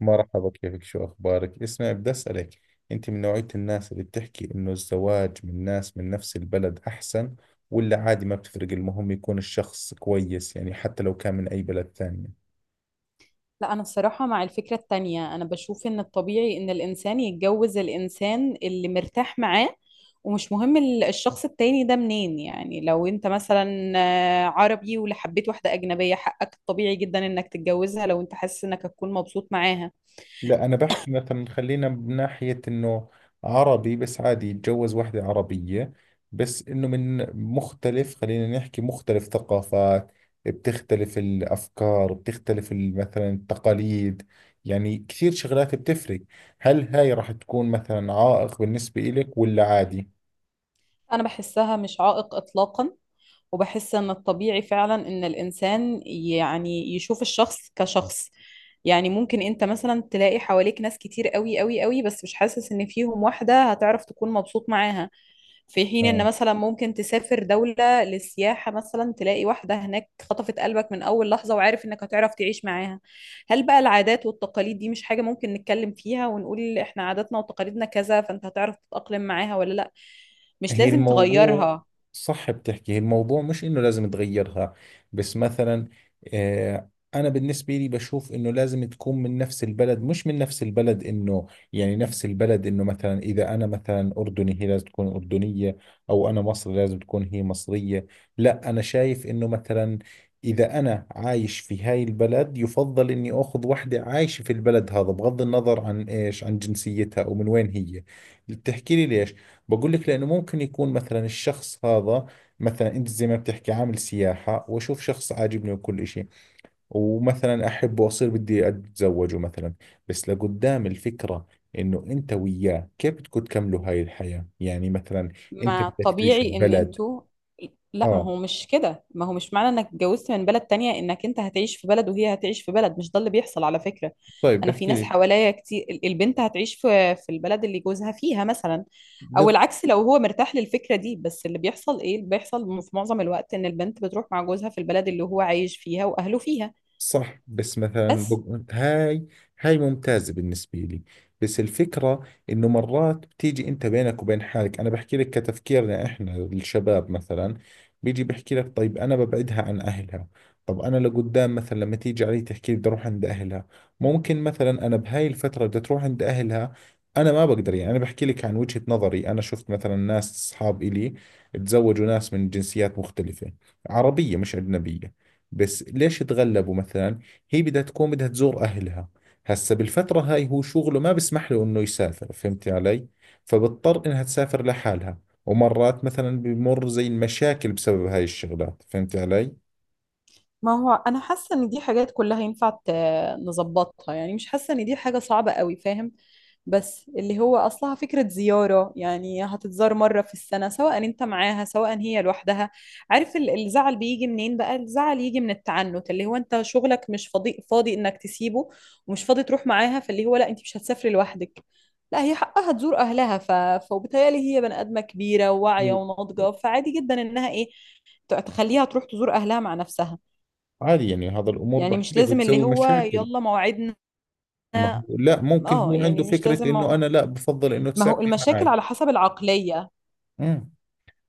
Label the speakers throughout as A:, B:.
A: مرحبا، كيفك؟ شو أخبارك؟ اسمعي، بدي أسألك. أنت من نوعية الناس اللي بتحكي إنه الزواج من ناس من نفس البلد أحسن، ولا عادي ما بتفرق المهم يكون الشخص كويس، يعني حتى لو كان من أي بلد ثانية؟
B: لا، أنا بصراحة مع الفكرة التانية. أنا بشوف إن الطبيعي إن الإنسان يتجوز الإنسان اللي مرتاح معاه، ومش مهم الشخص التاني ده منين. يعني لو أنت مثلا عربي ولا حبيت واحدة أجنبية، حقك الطبيعي جدا إنك تتجوزها لو أنت حاسس إنك هتكون مبسوط معاها.
A: لا، أنا بحكي مثلا خلينا من ناحية إنه عربي بس عادي يتجوز وحدة عربية، بس إنه من مختلف، خلينا نحكي مختلف ثقافات. بتختلف الأفكار، بتختلف مثلا التقاليد، يعني كثير شغلات بتفرق. هل هاي راح تكون مثلا عائق بالنسبة إلك ولا عادي؟
B: أنا بحسها مش عائق إطلاقا، وبحس ان الطبيعي فعلا ان الانسان يعني يشوف الشخص كشخص. يعني ممكن انت مثلا تلاقي حواليك ناس كتير قوي قوي قوي، بس مش حاسس ان فيهم واحدة هتعرف تكون مبسوط معاها. في حين ان
A: آه،
B: مثلا ممكن تسافر دولة للسياحة، مثلا تلاقي واحدة هناك خطفت قلبك من اول لحظة، وعارف انك هتعرف تعيش معاها. هل بقى العادات والتقاليد دي مش حاجة ممكن نتكلم فيها ونقول احنا عاداتنا وتقاليدنا كذا، فانت هتعرف تتأقلم معاها ولا لا؟ مش
A: هي
B: لازم
A: الموضوع.
B: تغيرها.
A: صح بتحكي، هي الموضوع مش انه لازم تغيرها، بس مثلا آه انا بالنسبة لي بشوف انه لازم تكون من نفس البلد. مش من نفس البلد انه يعني نفس البلد، انه مثلا اذا انا مثلا اردني هي لازم تكون اردنية، او انا مصري لازم تكون هي مصرية. لا، انا شايف انه مثلا إذا أنا عايش في هاي البلد يفضل إني أخذ وحدة عايشة في البلد هذا، بغض النظر عن إيش، عن جنسيتها أو من وين هي. بتحكي لي ليش؟ بقول لك لأنه ممكن يكون مثلا الشخص هذا، مثلا أنت زي ما بتحكي عامل سياحة وأشوف شخص عاجبني وكل إشي، ومثلا أحبه وأصير بدي أتزوجه مثلا. بس لقدام الفكرة، إنه أنت وياه كيف بدكم تكملوا هاي الحياة، يعني مثلا أنت
B: ما
A: بدك تعيش
B: طبيعي ان
A: البلد.
B: انتوا. لا، ما
A: آه،
B: هو مش كده. ما هو مش معنى انك اتجوزت من بلد تانية انك انت هتعيش في بلد وهي هتعيش في بلد. مش ده اللي بيحصل على فكرة.
A: طيب
B: انا في ناس
A: بحكي
B: حواليا كتير، البنت هتعيش في البلد اللي جوزها فيها مثلا،
A: لي،
B: او العكس لو هو مرتاح للفكرة دي. بس اللي بيحصل، ايه اللي بيحصل في معظم الوقت، ان البنت بتروح مع جوزها في البلد اللي هو عايش فيها واهله فيها.
A: صح. بس مثلا
B: بس
A: هاي، هاي ممتازة بالنسبة لي، بس الفكرة انه مرات بتيجي انت بينك وبين حالك، انا بحكي لك كتفكيرنا احنا الشباب مثلا، بيجي بحكي لك طيب انا ببعدها عن اهلها. طب انا لقدام مثلا لما تيجي علي تحكي لي بدي اروح عند اهلها، ممكن مثلا انا بهاي الفترة بدي تروح عند اهلها، انا ما بقدر. يعني انا بحكي لك عن وجهة نظري، انا شفت مثلا ناس اصحاب الي تزوجوا ناس من جنسيات مختلفة عربية مش أجنبية، بس ليش تغلبوا مثلا؟ هي بدها تزور أهلها، هسا بالفترة هاي هو شغله ما بسمح له إنه يسافر، فهمتي علي؟ فبضطر إنها تسافر لحالها، ومرات مثلا بمر زي المشاكل بسبب هاي الشغلات، فهمتي علي؟
B: ما هو انا حاسه ان دي حاجات كلها ينفع نظبطها، يعني مش حاسه ان دي حاجه صعبه قوي، فاهم؟ بس اللي هو اصلها فكره زياره، يعني هتتزار مره في السنه، سواء انت معاها سواء هي لوحدها. عارف الزعل بيجي منين بقى؟ الزعل يجي من التعنت، اللي هو انت شغلك مش فاضي، فاضي انك تسيبه ومش فاضي تروح معاها، فاللي هو لا انت مش هتسافري لوحدك. لا، هي حقها تزور اهلها، ف... فبالتالي هي بني ادمه كبيره وواعيه
A: مم.
B: وناضجه، فعادي جدا انها ايه، تخليها تروح تزور اهلها مع نفسها.
A: عادي يعني هذا الأمور
B: يعني
A: بحكي
B: مش
A: لك
B: لازم اللي
A: بتسوي
B: هو
A: مشاكل.
B: يلا موعدنا.
A: ما هو لا، ممكن
B: اه،
A: هو عنده
B: يعني مش لازم
A: فكرة إنه أنا لا بفضل إنه
B: ما هو
A: تسافري
B: المشاكل
A: معي.
B: على حسب العقلية.
A: امم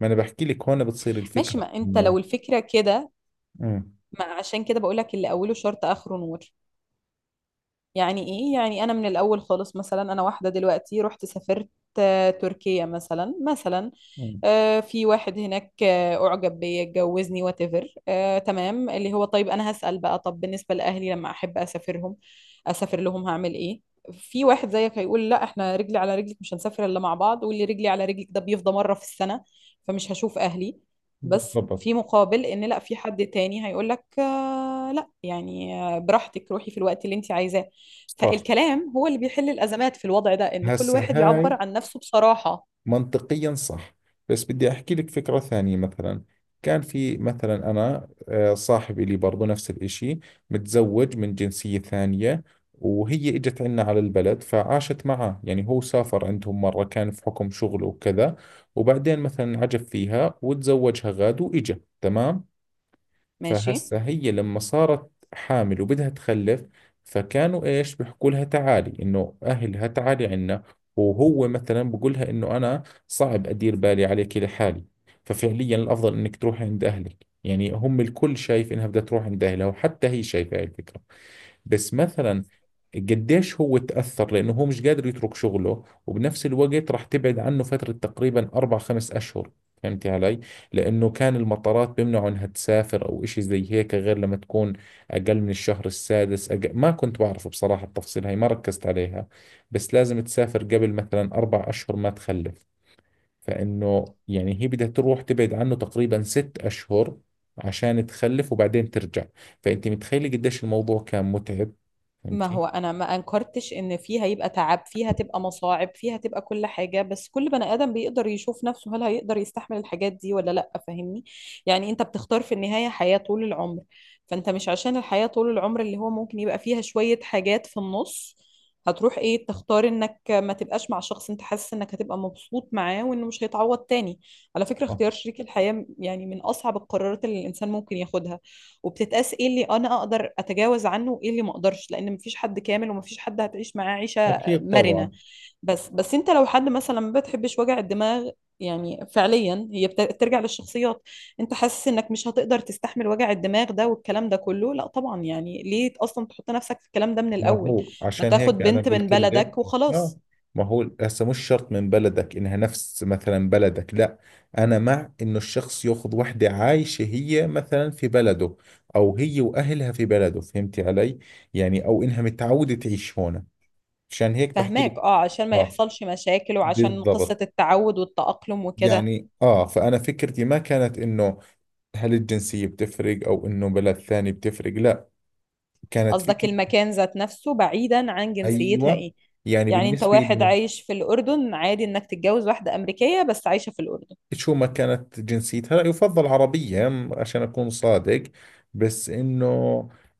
A: ما أنا بحكي لك هون بتصير
B: ماشي،
A: الفكرة
B: ما انت
A: إنه
B: لو الفكرة كده،
A: امم
B: ما عشان كده بقولك اللي اوله شرط اخره نور. يعني ايه؟ يعني انا من الاول خالص، مثلا انا واحدة دلوقتي رحت سافرت تركيا مثلا
A: مم.
B: في واحد هناك أعجب بيا اتجوزني whatever، تمام. اللي هو طيب، أنا هسأل بقى، طب بالنسبة لأهلي لما أحب أسافرهم أسافر لهم هعمل إيه؟ في واحد زيك هيقول لا، احنا رجلي على رجلك، مش هنسافر إلا مع بعض، واللي رجلي على رجلك ده بيفضى مرة في السنة، فمش هشوف أهلي. بس
A: بالضبط.
B: في مقابل، إن لا، في حد تاني هيقول لك آه لا يعني، براحتك روحي في الوقت اللي أنت عايزاه.
A: صح،
B: فالكلام هو اللي بيحل الأزمات في الوضع ده، إن كل
A: هسا
B: واحد يعبر
A: هاي
B: عن نفسه بصراحة.
A: منطقيا صح، بس بدي أحكي لك فكرة ثانية مثلا. كان في مثلا أنا صاحبي لي برضو نفس الإشي، متزوج من جنسية ثانية، وهي إجت عنا على البلد فعاشت معه. يعني هو سافر عندهم مرة كان في حكم شغله وكذا، وبعدين مثلا عجب فيها وتزوجها غاد وإجا تمام.
B: ماشي.
A: فهسه هي لما صارت حامل وبدها تخلف فكانوا ايش بيحكوا لها؟ تعالي انه اهلها تعالي عنا. وهو مثلا بقول لها انه انا صعب ادير بالي عليك لحالي، ففعليا الافضل انك تروحي عند اهلك. يعني هم الكل شايف انها بدها تروح عند اهلها، وحتى هي شايفه هاي الفكره. بس مثلا قديش هو تأثر لأنه هو مش قادر يترك شغله، وبنفس الوقت راح تبعد عنه فترة تقريبا 4 5 أشهر، فهمتي علي؟ لأنه كان المطارات بيمنعوا إنها تسافر أو إشي زي هيك، غير لما تكون أقل من الشهر السادس أقل. ما كنت بعرف بصراحة التفصيل هاي، ما ركزت عليها. بس لازم تسافر قبل مثلا 4 أشهر ما تخلف، فإنه يعني هي بدها تروح تبعد عنه تقريبا 6 أشهر عشان تخلف وبعدين ترجع. فأنت متخيلة قديش الموضوع كان متعب؟
B: ما
A: فهمتي؟
B: هو انا ما انكرتش ان فيها يبقى تعب، فيها تبقى مصاعب، فيها تبقى كل حاجه، بس كل بني ادم بيقدر يشوف نفسه، هل هيقدر يستحمل الحاجات دي ولا لا، فاهمني؟ يعني انت بتختار في النهايه حياه طول العمر. فانت مش عشان الحياه طول العمر اللي هو ممكن يبقى فيها شويه حاجات في النص، هتروح ايه، تختار انك ما تبقاش مع شخص انت حاسس انك هتبقى مبسوط معاه وانه مش هيتعوض تاني. على فكره
A: آه،
B: اختيار شريك الحياه يعني من اصعب القرارات اللي الانسان ممكن ياخدها، وبتتقاس ايه اللي انا اقدر اتجاوز عنه وايه اللي ما اقدرش، لان مفيش حد كامل ومفيش حد هتعيش معاه عيشه
A: أكيد
B: مرنه.
A: طبعا.
B: بس انت لو حد مثلا ما بتحبش وجع الدماغ، يعني فعليا هي بترجع للشخصيات. انت حاسس انك مش هتقدر تستحمل وجع الدماغ ده والكلام ده كله، لا طبعا، يعني ليه اصلا تحط نفسك في الكلام ده من
A: ما
B: الاول؟
A: هو
B: ما
A: عشان هيك
B: تاخد
A: أنا
B: بنت من
A: قلت لك.
B: بلدك
A: آه،
B: وخلاص.
A: ما هو هسه مش شرط من بلدك إنها نفس مثلا بلدك، لا. أنا مع إنه الشخص يأخذ وحدة عايشة هي مثلا في بلده، أو هي وأهلها في بلده، فهمتي علي؟ يعني أو إنها متعودة تعيش هون. عشان هيك بحكي لك.
B: فهماك، اه، عشان ما
A: آه،
B: يحصلش مشاكل وعشان قصة
A: بالضبط.
B: التعود والتأقلم وكده.
A: يعني اه، فأنا فكرتي ما كانت انه هل الجنسية بتفرق او انه بلد ثاني بتفرق، لا. كانت
B: قصدك
A: فكرتي،
B: المكان ذات نفسه بعيدا عن جنسيتها،
A: ايوه،
B: ايه.
A: يعني
B: يعني انت
A: بالنسبة
B: واحد
A: لي
B: عايش في الأردن عادي انك تتجوز واحدة أمريكية بس عايشة في الأردن.
A: شو ما كانت جنسيتها، لا يفضل عربية عشان أكون صادق، بس إنه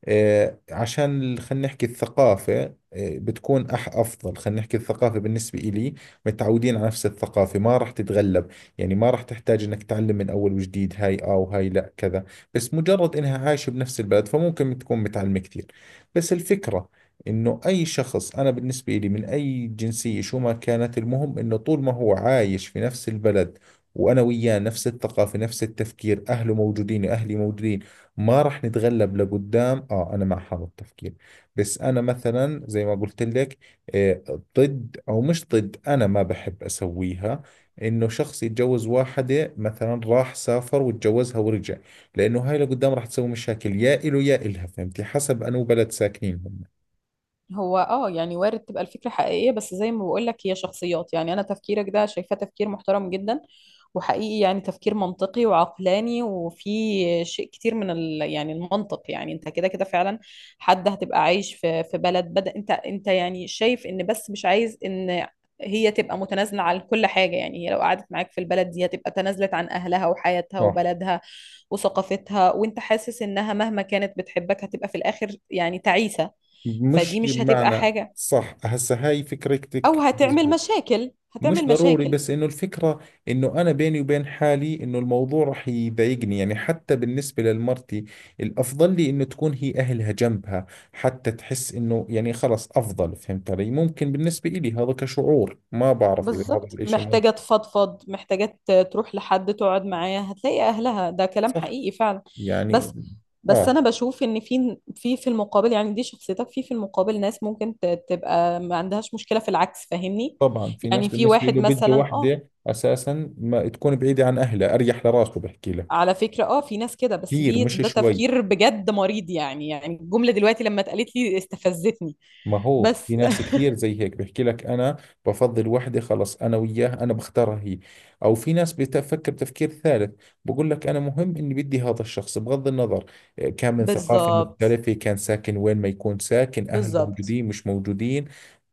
A: عشان خلينا نحكي الثقافة بتكون أفضل، خلينا نحكي الثقافة بالنسبة إلي. متعودين على نفس الثقافة، ما راح تتغلب، يعني ما راح تحتاج إنك تعلم من أول وجديد هاي آه وهاي لا كذا. بس مجرد إنها عايشة بنفس البلد فممكن تكون متعلمة كثير، بس الفكرة إنه أي شخص أنا بالنسبة إلي من أي جنسية شو ما كانت، المهم إنه طول ما هو عايش في نفس البلد، وانا وياه نفس الثقافه نفس التفكير، اهله موجودين واهلي موجودين، ما راح نتغلب لقدام. اه، انا مع هذا التفكير. بس انا مثلا زي ما قلت لك، آه، ضد او مش ضد، انا ما بحب اسويها انه شخص يتجوز واحده مثلا راح سافر وتجوزها ورجع، لانه هاي لقدام راح تسوي مشاكل يا إله يا إلها، فهمتي، حسب انو بلد ساكنين هم.
B: هو اه يعني وارد تبقى الفكرة حقيقية، بس زي ما بقولك هي شخصيات. يعني انا تفكيرك ده شايفاه تفكير محترم جدا وحقيقي، يعني تفكير منطقي وعقلاني، وفي شيء كتير من ال... يعني المنطق. يعني انت كده كده فعلا حد هتبقى عايش في بلد بدأ انت يعني شايف ان، بس مش عايز ان هي تبقى متنازلة عن كل حاجة. يعني هي لو قعدت معاك في البلد دي هتبقى تنازلت عن أهلها وحياتها
A: صح،
B: وبلدها وثقافتها، وانت حاسس انها مهما كانت بتحبك هتبقى في الآخر يعني تعيسة. فدي
A: مش
B: مش هتبقى
A: معنى
B: حاجة،
A: صح هسه هاي
B: أو
A: فكرتك
B: هتعمل
A: مزبوط،
B: مشاكل،
A: مش
B: هتعمل
A: ضروري،
B: مشاكل.
A: بس انه الفكرة انه انا بيني وبين حالي انه الموضوع رح يضايقني. يعني حتى بالنسبة للمرتي الافضل لي انه تكون هي اهلها جنبها، حتى تحس انه يعني خلص افضل. فهمت علي؟ ممكن بالنسبة إلي هذا كشعور، ما بعرف اذا هذا
B: بالظبط،
A: الاشي
B: محتاجة
A: منطقي.
B: تفضفض، محتاجة تروح لحد تقعد معاه هتلاقي أهلها. ده كلام
A: صح،
B: حقيقي فعلا.
A: يعني
B: بس بس
A: اه،
B: أنا بشوف إن في في المقابل، يعني دي شخصيتك، في في المقابل ناس ممكن تبقى ما عندهاش مشكلة في العكس، فاهمني؟
A: طبعا في ناس
B: يعني في
A: بالنسبة
B: واحد
A: له بده
B: مثلا اه،
A: وحدة اساسا ما تكون بعيدة عن اهلها، اريح لراسه بحكي لك،
B: على فكرة اه في ناس كده، بس
A: كثير
B: دي
A: مش
B: ده
A: شوي.
B: تفكير بجد مريض يعني، يعني الجملة دلوقتي لما اتقالت لي استفزتني.
A: ما هو في
B: بس
A: ناس كثير زي هيك بيحكي لك، انا بفضل وحده خلص انا وياها انا بختارها هي. او في ناس بتفكر تفكير ثالث، بقول لك انا مهم اني بدي هذا الشخص بغض النظر إيه، كان من ثقافة
B: بالظبط،
A: مختلفة، كان ساكن وين ما يكون ساكن، اهل
B: بالظبط.
A: موجودين مش موجودين،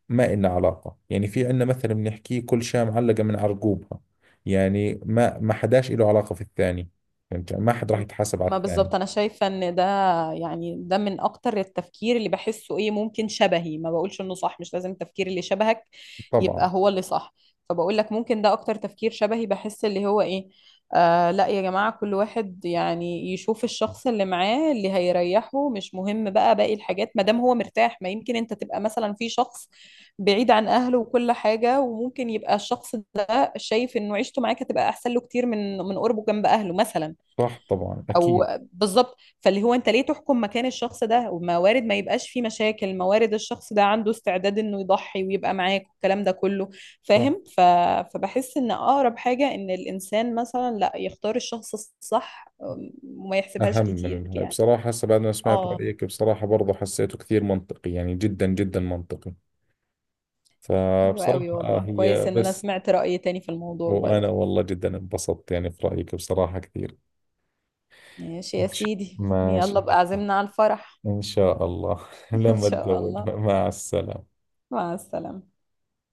A: ما إلنا علاقة. يعني في عندنا مثلا بنحكيه كل شاة معلقة من عرقوبها، يعني ما حداش له علاقة في الثاني، فهمت، ما حد راح يتحاسب على
B: ما
A: الثاني.
B: بالظبط انا شايفه ان ده يعني ده من اكتر التفكير اللي بحسه، ايه، ممكن شبهي. ما بقولش انه صح، مش لازم التفكير اللي شبهك يبقى
A: طبعا.
B: هو اللي صح، فبقول لك ممكن ده اكتر تفكير شبهي، بحس اللي هو ايه، آه لا يا جماعه كل واحد يعني يشوف الشخص اللي معاه اللي هيريحه، مش مهم بقى باقي الحاجات ما دام هو مرتاح. ما يمكن انت تبقى مثلا في شخص بعيد عن اهله وكل حاجه، وممكن يبقى الشخص ده شايف انه عيشته معاك هتبقى احسن له كتير من قربه جنب اهله مثلا.
A: صح، طبعا،
B: او
A: اكيد.
B: بالظبط، فاللي هو انت ليه تحكم مكان الشخص ده، وموارد ما يبقاش فيه مشاكل، موارد الشخص ده عنده استعداد انه يضحي ويبقى معاك والكلام ده كله،
A: صح،
B: فاهم؟ ف... فبحس ان اقرب حاجة ان الانسان مثلا لا، يختار الشخص الصح وما يحسبهاش
A: أهم من
B: كتير
A: الهاي
B: يعني.
A: بصراحة. هسه بعد ما سمعت
B: اه،
A: رأيك بصراحة برضه حسيته كثير منطقي، يعني جدا جدا منطقي.
B: حلو
A: فبصراحة
B: قوي
A: آه
B: والله، كويس
A: هي
B: ان انا
A: بس.
B: سمعت رأي تاني في الموضوع برضه.
A: وأنا والله جدا انبسطت يعني في رأيك بصراحة كثير.
B: ماشي يا سيدي،
A: ماشي
B: يلا بقى
A: نحكي،
B: عزمنا على الفرح.
A: إن شاء الله
B: ان
A: لما
B: شاء
A: أتزوج.
B: الله،
A: مع السلامة.
B: مع السلامة.